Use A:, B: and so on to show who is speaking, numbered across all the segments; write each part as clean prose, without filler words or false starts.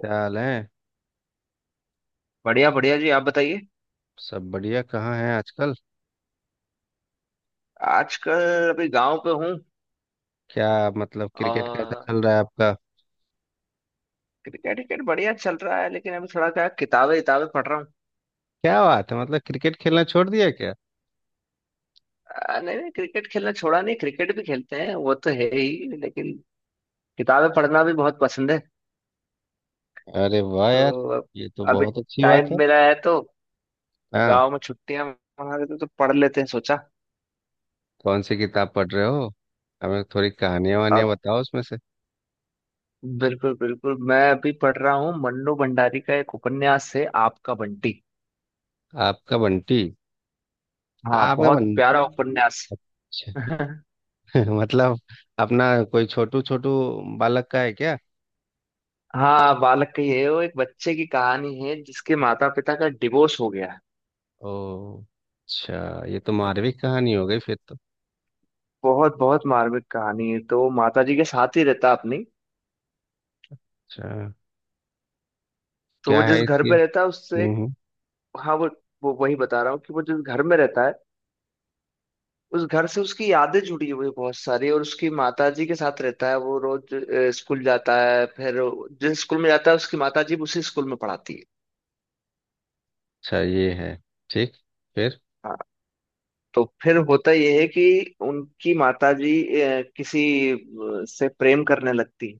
A: क्या हाल है?
B: बढ़िया बढ़िया जी, आप बताइए।
A: सब बढ़िया। कहाँ है आजकल?
B: आजकल अभी गांव पे हूँ।
A: क्या? मतलब क्रिकेट कैसा
B: और
A: चल रहा है आपका?
B: क्रिकेट विकेट बढ़िया चल रहा है, लेकिन अभी थोड़ा क्या किताबें किताबें पढ़ रहा हूँ।
A: क्या बात है, मतलब क्रिकेट खेलना छोड़ दिया क्या?
B: नहीं नहीं, क्रिकेट खेलना छोड़ा नहीं, क्रिकेट भी खेलते हैं, वो तो है ही, लेकिन किताबें पढ़ना भी बहुत पसंद है।
A: अरे वाह यार।
B: तो
A: ये तो
B: अभी
A: बहुत अच्छी बात
B: टाइम
A: है।
B: मिला है तो
A: हाँ।
B: गांव में छुट्टियां मना रहे थे तो पढ़ लेते हैं, सोचा।
A: कौन सी किताब पढ़ रहे हो? हमें थोड़ी कहानियां वानियां
B: अब
A: बताओ उसमें से।
B: बिल्कुल बिल्कुल, मैं अभी पढ़ रहा हूँ मन्नू भंडारी का, एक उपन्यास है आपका बंटी।
A: आपका बंटी।
B: हाँ,
A: आपका
B: बहुत
A: बंटी।
B: प्यारा उपन्यास।
A: अच्छा। मतलब अपना कोई छोटू छोटू बालक का है क्या?
B: हाँ, बालक की है, वो एक बच्चे की कहानी है जिसके माता पिता का डिवोर्स हो गया है।
A: ओ। अच्छा, ये तो मारविक कहानी हो गई फिर तो।
B: बहुत बहुत मार्मिक कहानी है। तो माता जी के साथ ही रहता है अपनी।
A: अच्छा।
B: तो वो
A: क्या है
B: जिस घर
A: इसकी?
B: पे रहता है उससे
A: हम्म
B: एक,
A: हम्म,
B: हाँ, वो वही बता रहा हूँ कि वो जिस घर में रहता है उस घर से उसकी यादें जुड़ी हुई हैं बहुत सारी। और उसकी माता जी के साथ रहता है, वो रोज स्कूल जाता है। फिर जिस स्कूल में जाता है उसकी माता जी उसी स्कूल में पढ़ाती है।
A: अच्छा, ये है। ठीक। फिर?
B: हाँ, तो फिर होता यह है कि उनकी माता जी किसी से प्रेम करने लगती है।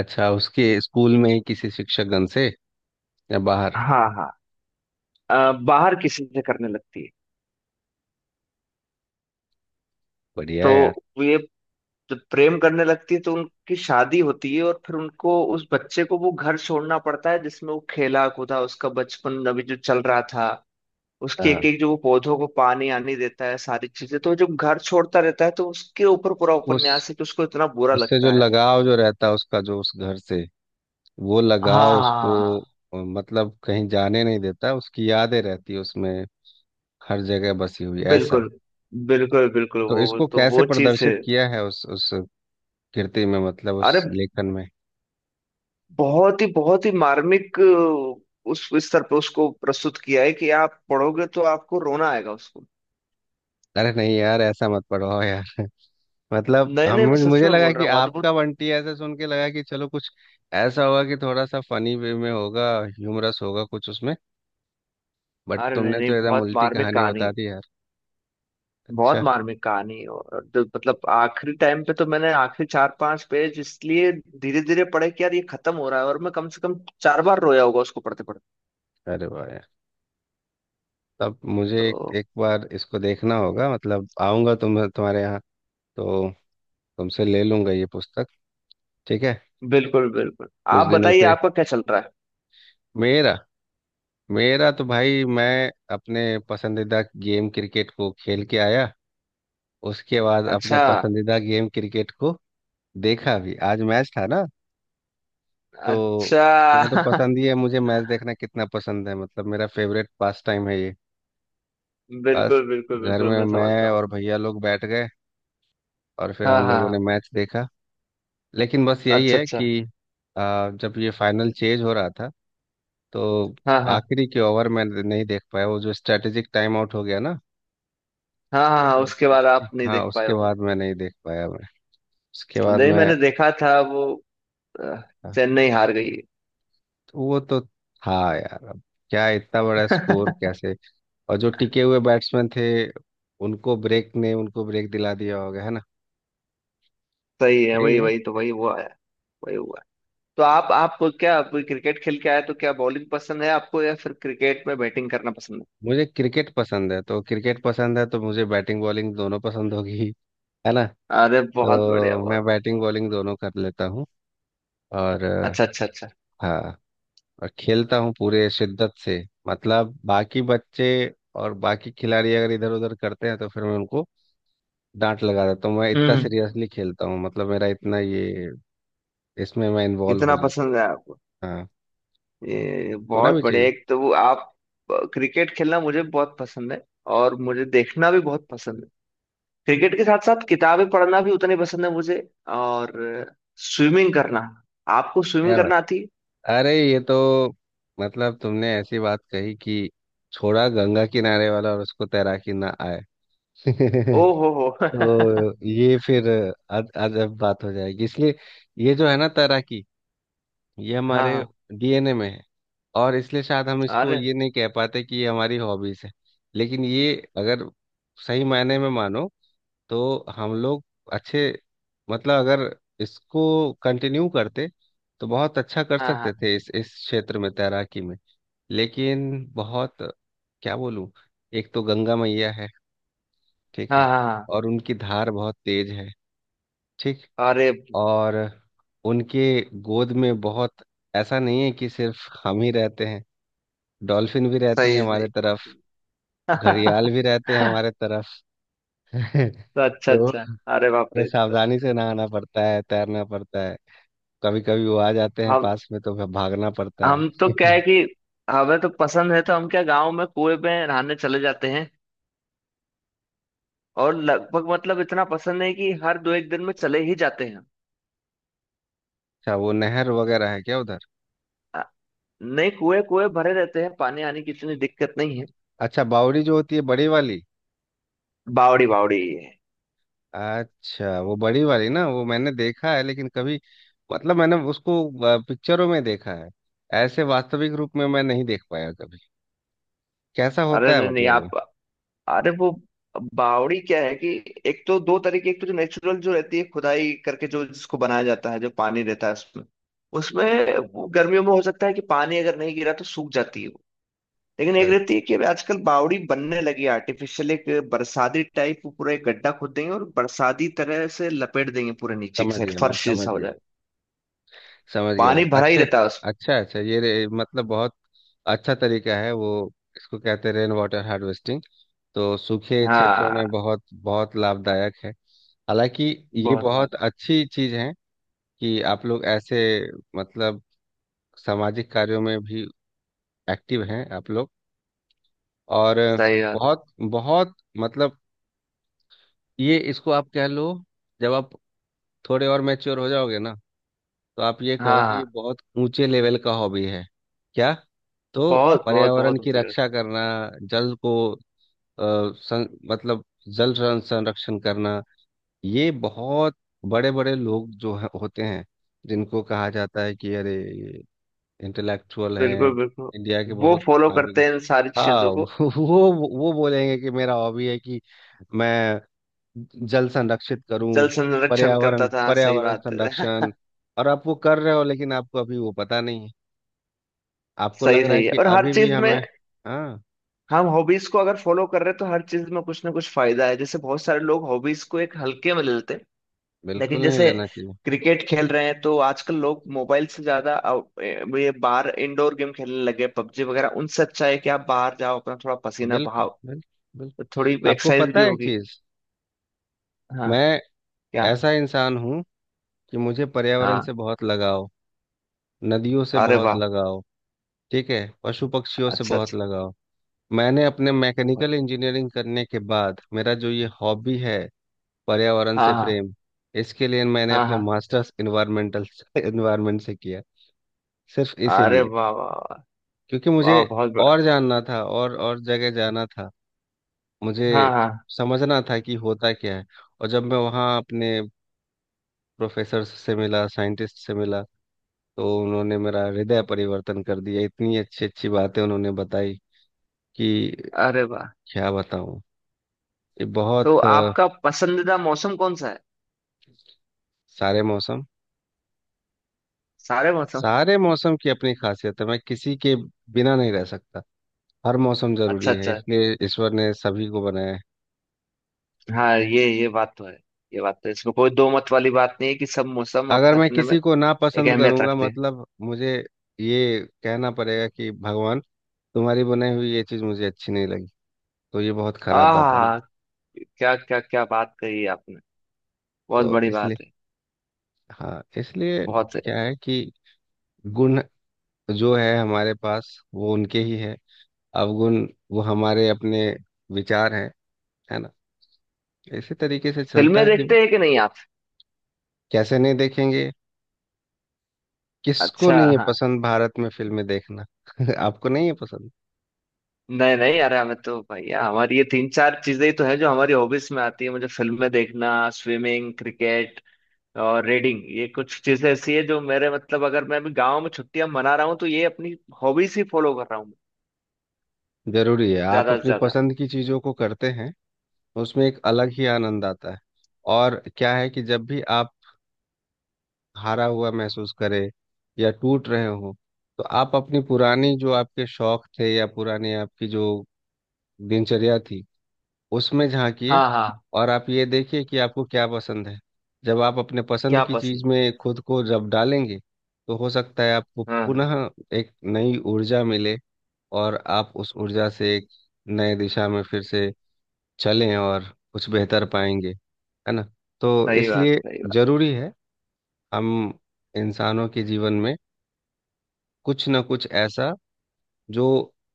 A: अच्छा, उसके स्कूल में ही किसी शिक्षकगण से, या बाहर?
B: हाँ हाँ, बाहर किसी से करने लगती है।
A: बढ़िया
B: तो
A: है यार।
B: वो ये जब प्रेम करने लगती है तो उनकी शादी होती है और फिर उनको उस बच्चे को वो घर छोड़ना पड़ता है जिसमें वो खेला कूदा, उसका बचपन अभी जो चल रहा था। उसके एक
A: हाँ।
B: एक जो वो पौधों को पानी आनी देता है, सारी चीजें, तो जब घर छोड़ता रहता है तो उसके ऊपर पूरा
A: उस
B: उपन्यास है कि उसको इतना बुरा
A: उससे जो
B: लगता है।
A: लगाव जो रहता है उसका जो उस घर से, वो लगाव उसको,
B: हाँ,
A: मतलब कहीं जाने नहीं देता, उसकी यादें रहती है उसमें, हर जगह बसी हुई ऐसा।
B: बिल्कुल बिल्कुल बिल्कुल,
A: तो इसको
B: तो
A: कैसे
B: वो चीज है।
A: प्रदर्शित किया है उस कृति में, मतलब
B: अरे
A: उस लेखन में?
B: बहुत ही मार्मिक, उस स्तर पे उसको प्रस्तुत किया है कि आप पढ़ोगे तो आपको रोना आएगा उसको।
A: अरे नहीं यार, ऐसा मत पढ़वाओ यार। मतलब
B: नहीं
A: हम,
B: नहीं, मैं सच
A: मुझे
B: में
A: लगा
B: बोल
A: कि
B: रहा हूँ, अद्भुत।
A: आपका बंटी ऐसा सुन के लगा कि चलो कुछ ऐसा होगा कि थोड़ा सा फनी वे में होगा, ह्यूमरस होगा कुछ उसमें। बट
B: अरे नहीं
A: तुमने
B: नहीं,
A: तो एकदम
B: बहुत
A: उल्टी
B: मार्मिक
A: कहानी
B: कहानी
A: बता
B: है।
A: दी यार।
B: बहुत
A: अच्छा।
B: मार्मिक कहानी है। और मतलब आखिरी टाइम पे तो मैंने आखिरी चार पांच पेज इसलिए धीरे धीरे पढ़े कि यार ये खत्म हो रहा है, और मैं कम से कम चार बार रोया होगा उसको पढ़ते पढ़ते।
A: अरे वाह यार। तब मुझे एक,
B: तो
A: एक बार इसको देखना होगा, मतलब आऊंगा तुम्हारे यहाँ। तो तुमसे ले लूंगा ये पुस्तक। ठीक है।
B: बिल्कुल बिल्कुल।
A: कुछ
B: आप
A: दिनों
B: बताइए,
A: से।
B: आपका क्या चल रहा है।
A: मेरा मेरा तो भाई, मैं अपने पसंदीदा गेम क्रिकेट को खेल के आया। उसके बाद अपने
B: अच्छा
A: पसंदीदा गेम क्रिकेट को देखा भी, आज मैच था ना। तो
B: अच्छा।
A: तुम्हें तो पसंद ही है, मुझे मैच देखना कितना पसंद है, मतलब मेरा फेवरेट पास टाइम है ये। बस,
B: बिल्कुल बिल्कुल
A: घर
B: बिल्कुल,
A: में
B: मैं समझता
A: मैं
B: हूँ।
A: और भैया लोग बैठ गए, और फिर
B: हाँ
A: हम
B: हाँ
A: लोगों ने
B: हाँ।
A: मैच देखा। लेकिन बस यही
B: अच्छा
A: है
B: अच्छा।
A: कि जब ये फाइनल चेज हो रहा था, तो
B: हाँ हाँ
A: आखिरी के ओवर में नहीं देख पाया, वो जो स्ट्रेटेजिक टाइम आउट हो गया ना।
B: हाँ। हाँ हाँ, उसके
A: तो
B: बाद
A: उसके
B: आप नहीं
A: हाँ,
B: देख पाए
A: उसके
B: होंगे।
A: बाद मैं नहीं देख पाया मैं उसके बाद
B: नहीं,
A: मैं।
B: मैंने देखा था वो। अ,
A: हाँ।
B: चेन्नई हार गई है।
A: तो वो तो था यार, अब क्या इतना बड़ा स्कोर कैसे? और जो टिके हुए बैट्समैन थे, उनको ब्रेक ने उनको ब्रेक दिला दिया होगा, है ना?
B: सही है,
A: यही
B: वही
A: है।
B: वही तो वही वो आया। वही हुआ। तो आप क्या, आप क्रिकेट खेल के आए तो क्या बॉलिंग पसंद है आपको या फिर क्रिकेट में बैटिंग करना पसंद
A: मुझे क्रिकेट पसंद है, तो क्रिकेट पसंद है तो मुझे बैटिंग बॉलिंग दोनों पसंद होगी। है ना?
B: है? अरे बहुत बढ़िया,
A: तो मैं
B: बहुत।
A: बैटिंग बॉलिंग दोनों कर लेता हूँ। और
B: अच्छा अच्छा अच्छा।
A: हाँ, और खेलता हूँ पूरे शिद्दत से। मतलब बाकी बच्चे और बाकी खिलाड़ी अगर इधर उधर करते हैं, तो फिर मैं उनको डांट लगा देता हूँ। मैं इतना
B: हम्म
A: सीरियसली खेलता हूँ, मतलब मेरा इतना ये, इसमें मैं इन्वॉल्व हो
B: इतना पसंद
A: जाता
B: है आपको?
A: हूँ। हाँ।
B: ये
A: होना
B: बहुत
A: भी
B: बढ़िया।
A: चाहिए।
B: एक तो वो आप, क्रिकेट खेलना मुझे बहुत पसंद है और मुझे देखना भी बहुत पसंद है। क्रिकेट के साथ साथ किताबें पढ़ना भी उतनी पसंद है मुझे। और स्विमिंग करना। आपको स्विमिंग
A: क्या?
B: करना आती है?
A: अरे, ये तो, मतलब तुमने ऐसी बात कही कि छोड़ा गंगा किनारे वाला और उसको तैराकी ना आए!
B: ओ हो
A: तो ये फिर अज अजब बात हो जाएगी, इसलिए ये जो है ना, तैराकी, ये
B: हाँ
A: हमारे
B: हाँ,
A: डीएनए में है। और इसलिए शायद हम इसको
B: अरे
A: ये नहीं कह पाते कि ये हमारी हॉबीज है। लेकिन ये अगर सही मायने में मानो, तो हम लोग अच्छे, मतलब अगर इसको कंटिन्यू करते तो बहुत अच्छा कर
B: हाँ
A: सकते
B: हाँ
A: थे इस क्षेत्र में, तैराकी में। लेकिन बहुत, क्या बोलूं, एक तो गंगा मैया है। ठीक
B: हाँ
A: है।
B: हाँ हाँ,
A: और उनकी धार बहुत तेज है। ठीक।
B: अरे
A: और उनके गोद में बहुत, ऐसा नहीं है कि सिर्फ हम ही रहते हैं। डॉल्फिन भी रहती
B: सही
A: है
B: है,
A: हमारे
B: सही
A: तरफ। घड़ियाल
B: है।
A: भी रहते हैं हमारे तरफ।
B: तो अच्छा
A: तो
B: अच्छा। अरे बाप
A: हमें
B: रे, तो
A: सावधानी से नहाना पड़ता है, तैरना पड़ता है। कभी कभी वो आ जाते हैं
B: हम
A: पास में, तो फिर भागना पड़ता है।
B: हम तो
A: अच्छा,
B: क्या है कि हमें तो पसंद है तो हम क्या, गांव में कुएं पे नहाने चले जाते हैं। और लगभग मतलब इतना पसंद है कि हर दो एक दिन में चले ही जाते हैं।
A: वो नहर वगैरह है क्या उधर?
B: अ, नहीं, कुएं कुएं भरे रहते हैं, पानी आने की इतनी दिक्कत नहीं है।
A: अच्छा, बावड़ी जो होती है बड़ी वाली।
B: बावड़ी बावड़ी।
A: अच्छा, वो बड़ी वाली ना, वो मैंने देखा है लेकिन कभी, मतलब मैंने उसको पिक्चरों में देखा है। ऐसे वास्तविक रूप में मैं नहीं देख पाया कभी, कैसा
B: अरे
A: होता है
B: नहीं नहीं,
A: मतलब
B: आप,
A: वो?
B: अरे वो बावड़ी क्या है कि एक तो दो तरीके, एक तो जो नेचुरल जो रहती है, खुदाई करके जो जिसको बनाया जाता है, जो पानी रहता है उसमें। उसमें वो गर्मियों में हो सकता है कि पानी अगर नहीं गिरा तो सूख जाती है वो। लेकिन एक
A: सही।
B: रहती है कि अभी आजकल बावड़ी बनने लगी है आर्टिफिशियल, एक बरसाती टाइप। वो पूरा एक गड्ढा खोद देंगे और बरसाती तरह से लपेट देंगे, पूरे नीचे की
A: समझ
B: साइड
A: गया मैं,
B: फर्श
A: समझ
B: जैसा हो
A: गया।
B: जाएगा।
A: समझ गया मैं,
B: पानी भरा ही
A: अच्छे।
B: रहता है उसमें।
A: अच्छा अच्छा, ये रे, मतलब बहुत अच्छा तरीका है, वो इसको कहते हैं रेन वाटर हार्वेस्टिंग। तो सूखे क्षेत्रों
B: हाँ,
A: में बहुत बहुत लाभदायक है। हालांकि ये
B: बहुत बहुत।
A: बहुत अच्छी चीज है कि आप लोग ऐसे, मतलब, सामाजिक कार्यों में भी एक्टिव हैं आप लोग। और
B: सही बात।
A: बहुत बहुत, मतलब ये, इसको आप कह लो, जब आप थोड़े और मैच्योर हो जाओगे ना, तो आप ये
B: हाँ
A: कहो कि
B: हाँ,
A: ये बहुत ऊंचे लेवल का हॉबी है। क्या? तो
B: बहुत बहुत
A: पर्यावरण
B: बहुत
A: की
B: ऊंचे।
A: रक्षा करना, जल को, अ, मतलब जल संरक्षण करना, ये बहुत बड़े बड़े लोग जो होते हैं, जिनको कहा जाता है कि अरे, इंटेलेक्चुअल हैं,
B: बिल्कुल बिल्कुल,
A: इंडिया के
B: वो
A: बहुत
B: फॉलो
A: नामी।
B: करते हैं इन सारी
A: हाँ,
B: चीजों को।
A: वो वो बोलेंगे कि मेरा हॉबी है कि मैं जल संरक्षित करूं।
B: जल संरक्षण
A: पर्यावरण
B: करता था, हाँ सही
A: पर्यावरण
B: बात है।
A: संरक्षण। और आप वो कर रहे हो, लेकिन आपको अभी वो पता नहीं है। आपको लग
B: सही
A: रहा है
B: सही है।
A: कि
B: और हर
A: अभी भी
B: चीज में
A: हमें। हाँ।
B: हम हॉबीज को अगर फॉलो कर रहे हैं तो हर चीज में कुछ ना कुछ फायदा है। जैसे बहुत सारे लोग हॉबीज को एक हल्के में ले लेते हैं, लेकिन
A: बिल्कुल नहीं
B: जैसे
A: लेना चाहिए।
B: क्रिकेट खेल रहे हैं, तो आजकल लोग मोबाइल से ज्यादा ये बाहर इंडोर गेम खेलने लगे, पबजी वगैरह। उनसे अच्छा है कि आप बाहर जाओ, अपना थोड़ा पसीना
A: बिल्कुल,
B: बहाओ,
A: बिल्कुल,
B: तो थोड़ी
A: बिल्कुल। आपको
B: एक्सरसाइज भी
A: पता है एक
B: होगी।
A: चीज?
B: हाँ।
A: मैं
B: क्या।
A: ऐसा इंसान हूँ कि मुझे पर्यावरण
B: हाँ।
A: से बहुत लगाव, नदियों से
B: अरे
A: बहुत
B: वाह।
A: लगाव। ठीक है। पशु पक्षियों से
B: अच्छा
A: बहुत
B: अच्छा।
A: लगाव। मैंने अपने मैकेनिकल इंजीनियरिंग करने के बाद, मेरा जो ये हॉबी है, पर्यावरण
B: हाँ
A: से
B: हाँ
A: प्रेम, इसके लिए मैंने
B: हाँ
A: अपने
B: हाँ।
A: मास्टर्स इन्वायरमेंट से किया, सिर्फ
B: अरे
A: इसीलिए,
B: वाह वाह वाह।
A: क्योंकि मुझे
B: वाह, बहुत बड़ा।
A: और जानना था और जगह जाना था। मुझे
B: हाँ हाँ।
A: समझना था कि होता क्या है। और जब मैं वहाँ अपने प्रोफेसर से मिला, साइंटिस्ट से मिला, तो उन्होंने मेरा हृदय परिवर्तन कर दिया। इतनी अच्छी अच्छी बातें उन्होंने बताई कि
B: अरे वाह।
A: क्या बताऊँ! ये
B: तो
A: बहुत
B: आपका पसंदीदा मौसम कौन सा है?
A: सारे मौसम।
B: सारे मौसम।
A: सारे मौसम की अपनी खासियत है, मैं किसी के बिना नहीं रह सकता। हर मौसम
B: अच्छा
A: जरूरी है,
B: अच्छा।
A: इसलिए ईश्वर ने सभी को बनाया है।
B: हाँ, ये बात तो है, ये बात तो है, इसमें कोई दो मत वाली बात नहीं है कि सब मौसम
A: अगर
B: अपने
A: मैं
B: अपने में
A: किसी को ना
B: एक
A: पसंद
B: अहमियत
A: करूंगा,
B: रखते हैं।
A: मतलब मुझे ये कहना पड़ेगा कि भगवान, तुम्हारी बनाई हुई ये चीज मुझे अच्छी नहीं लगी। तो ये बहुत खराब बात है ना।
B: आह, क्या क्या क्या बात कही है आपने, बहुत
A: तो
B: बड़ी बात
A: इसलिए,
B: है।
A: हाँ, इसलिए
B: बहुत सही बात।
A: क्या है कि गुण जो है हमारे पास, वो उनके ही है। अवगुण वो हमारे अपने विचार हैं, है ना? इसी तरीके से चलता
B: फिल्में
A: है जीवन।
B: देखते हैं कि नहीं आप?
A: कैसे नहीं देखेंगे! किसको
B: अच्छा
A: नहीं है
B: हाँ।
A: पसंद भारत में फिल्में देखना? आपको नहीं है पसंद?
B: नहीं नहीं, अरे हमें तो भैया, हमारी ये तीन चार चीजें ही तो है जो हमारी हॉबीज में आती है। मुझे फिल्में देखना, स्विमिंग, क्रिकेट और रीडिंग, ये कुछ चीजें ऐसी है जो मेरे, मतलब अगर मैं अभी गांव में छुट्टियां मना रहा हूँ तो ये अपनी हॉबीज ही फॉलो कर रहा हूँ मैं,
A: जरूरी है, आप
B: ज्यादा से
A: अपनी
B: ज्यादा।
A: पसंद की चीजों को करते हैं, उसमें एक अलग ही आनंद आता है। और क्या है कि जब भी आप हारा हुआ महसूस करें या टूट रहे हो, तो आप अपनी पुरानी, जो आपके शौक थे या पुरानी आपकी जो दिनचर्या थी, उसमें झांकिए।
B: हाँ हाँ।
A: और आप ये देखिए कि आपको क्या पसंद है। जब आप अपने पसंद
B: क्या
A: की चीज
B: पसंद।
A: में खुद को जब डालेंगे, तो हो सकता है आपको
B: हाँ हाँ,
A: पुनः एक नई ऊर्जा मिले, और आप उस ऊर्जा से एक नए दिशा में फिर से चलें और कुछ बेहतर पाएंगे, है ना? तो
B: सही बात
A: इसलिए
B: सही बात।
A: जरूरी है हम इंसानों के जीवन में कुछ ना कुछ ऐसा जो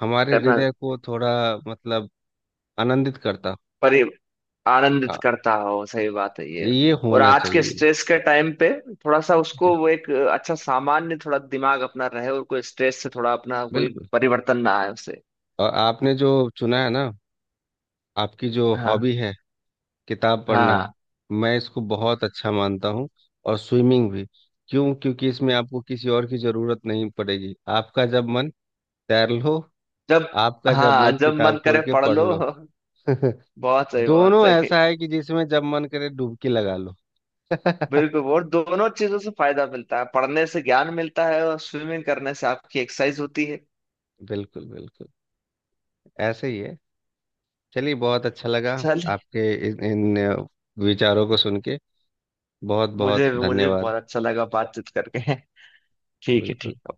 A: हमारे
B: करना
A: हृदय को थोड़ा, मतलब, आनंदित करता हो।
B: परि आनंदित
A: आ,
B: करता हो, सही बात है ये।
A: ये
B: और
A: होना
B: आज के
A: चाहिए।
B: स्ट्रेस के टाइम पे थोड़ा सा
A: जी,
B: उसको वो एक अच्छा सामान्य थोड़ा दिमाग अपना रहे और कोई स्ट्रेस से थोड़ा अपना कोई
A: बिल्कुल।
B: परिवर्तन ना आए उसे।
A: और आपने जो चुना है ना, आपकी जो
B: हाँ
A: हॉबी है, किताब पढ़ना,
B: हाँ।
A: मैं इसको बहुत अच्छा मानता हूँ। और स्विमिंग भी। क्यों? क्योंकि इसमें आपको किसी और की जरूरत नहीं पड़ेगी, आपका जब मन, तैर लो।
B: जब।
A: आपका जब
B: हाँ,
A: मन,
B: जब
A: किताब
B: मन करे
A: खोल के
B: पढ़
A: पढ़
B: लो।
A: लो।
B: बहुत सही, बहुत
A: दोनों
B: सही।
A: ऐसा है कि जिसमें जब मन करे, डुबकी लगा लो।
B: बिल्कुल, और दोनों चीजों से फायदा मिलता है, पढ़ने से ज्ञान मिलता है और स्विमिंग करने से आपकी एक्सरसाइज होती है।
A: बिल्कुल, बिल्कुल। ऐसे ही है। चलिए, बहुत अच्छा लगा
B: चल,
A: आपके इन, इन विचारों को सुन के। बहुत बहुत
B: मुझे मुझे
A: धन्यवाद।
B: बहुत अच्छा लगा बातचीत करके। ठीक है
A: बिल्कुल।
B: ठीक है।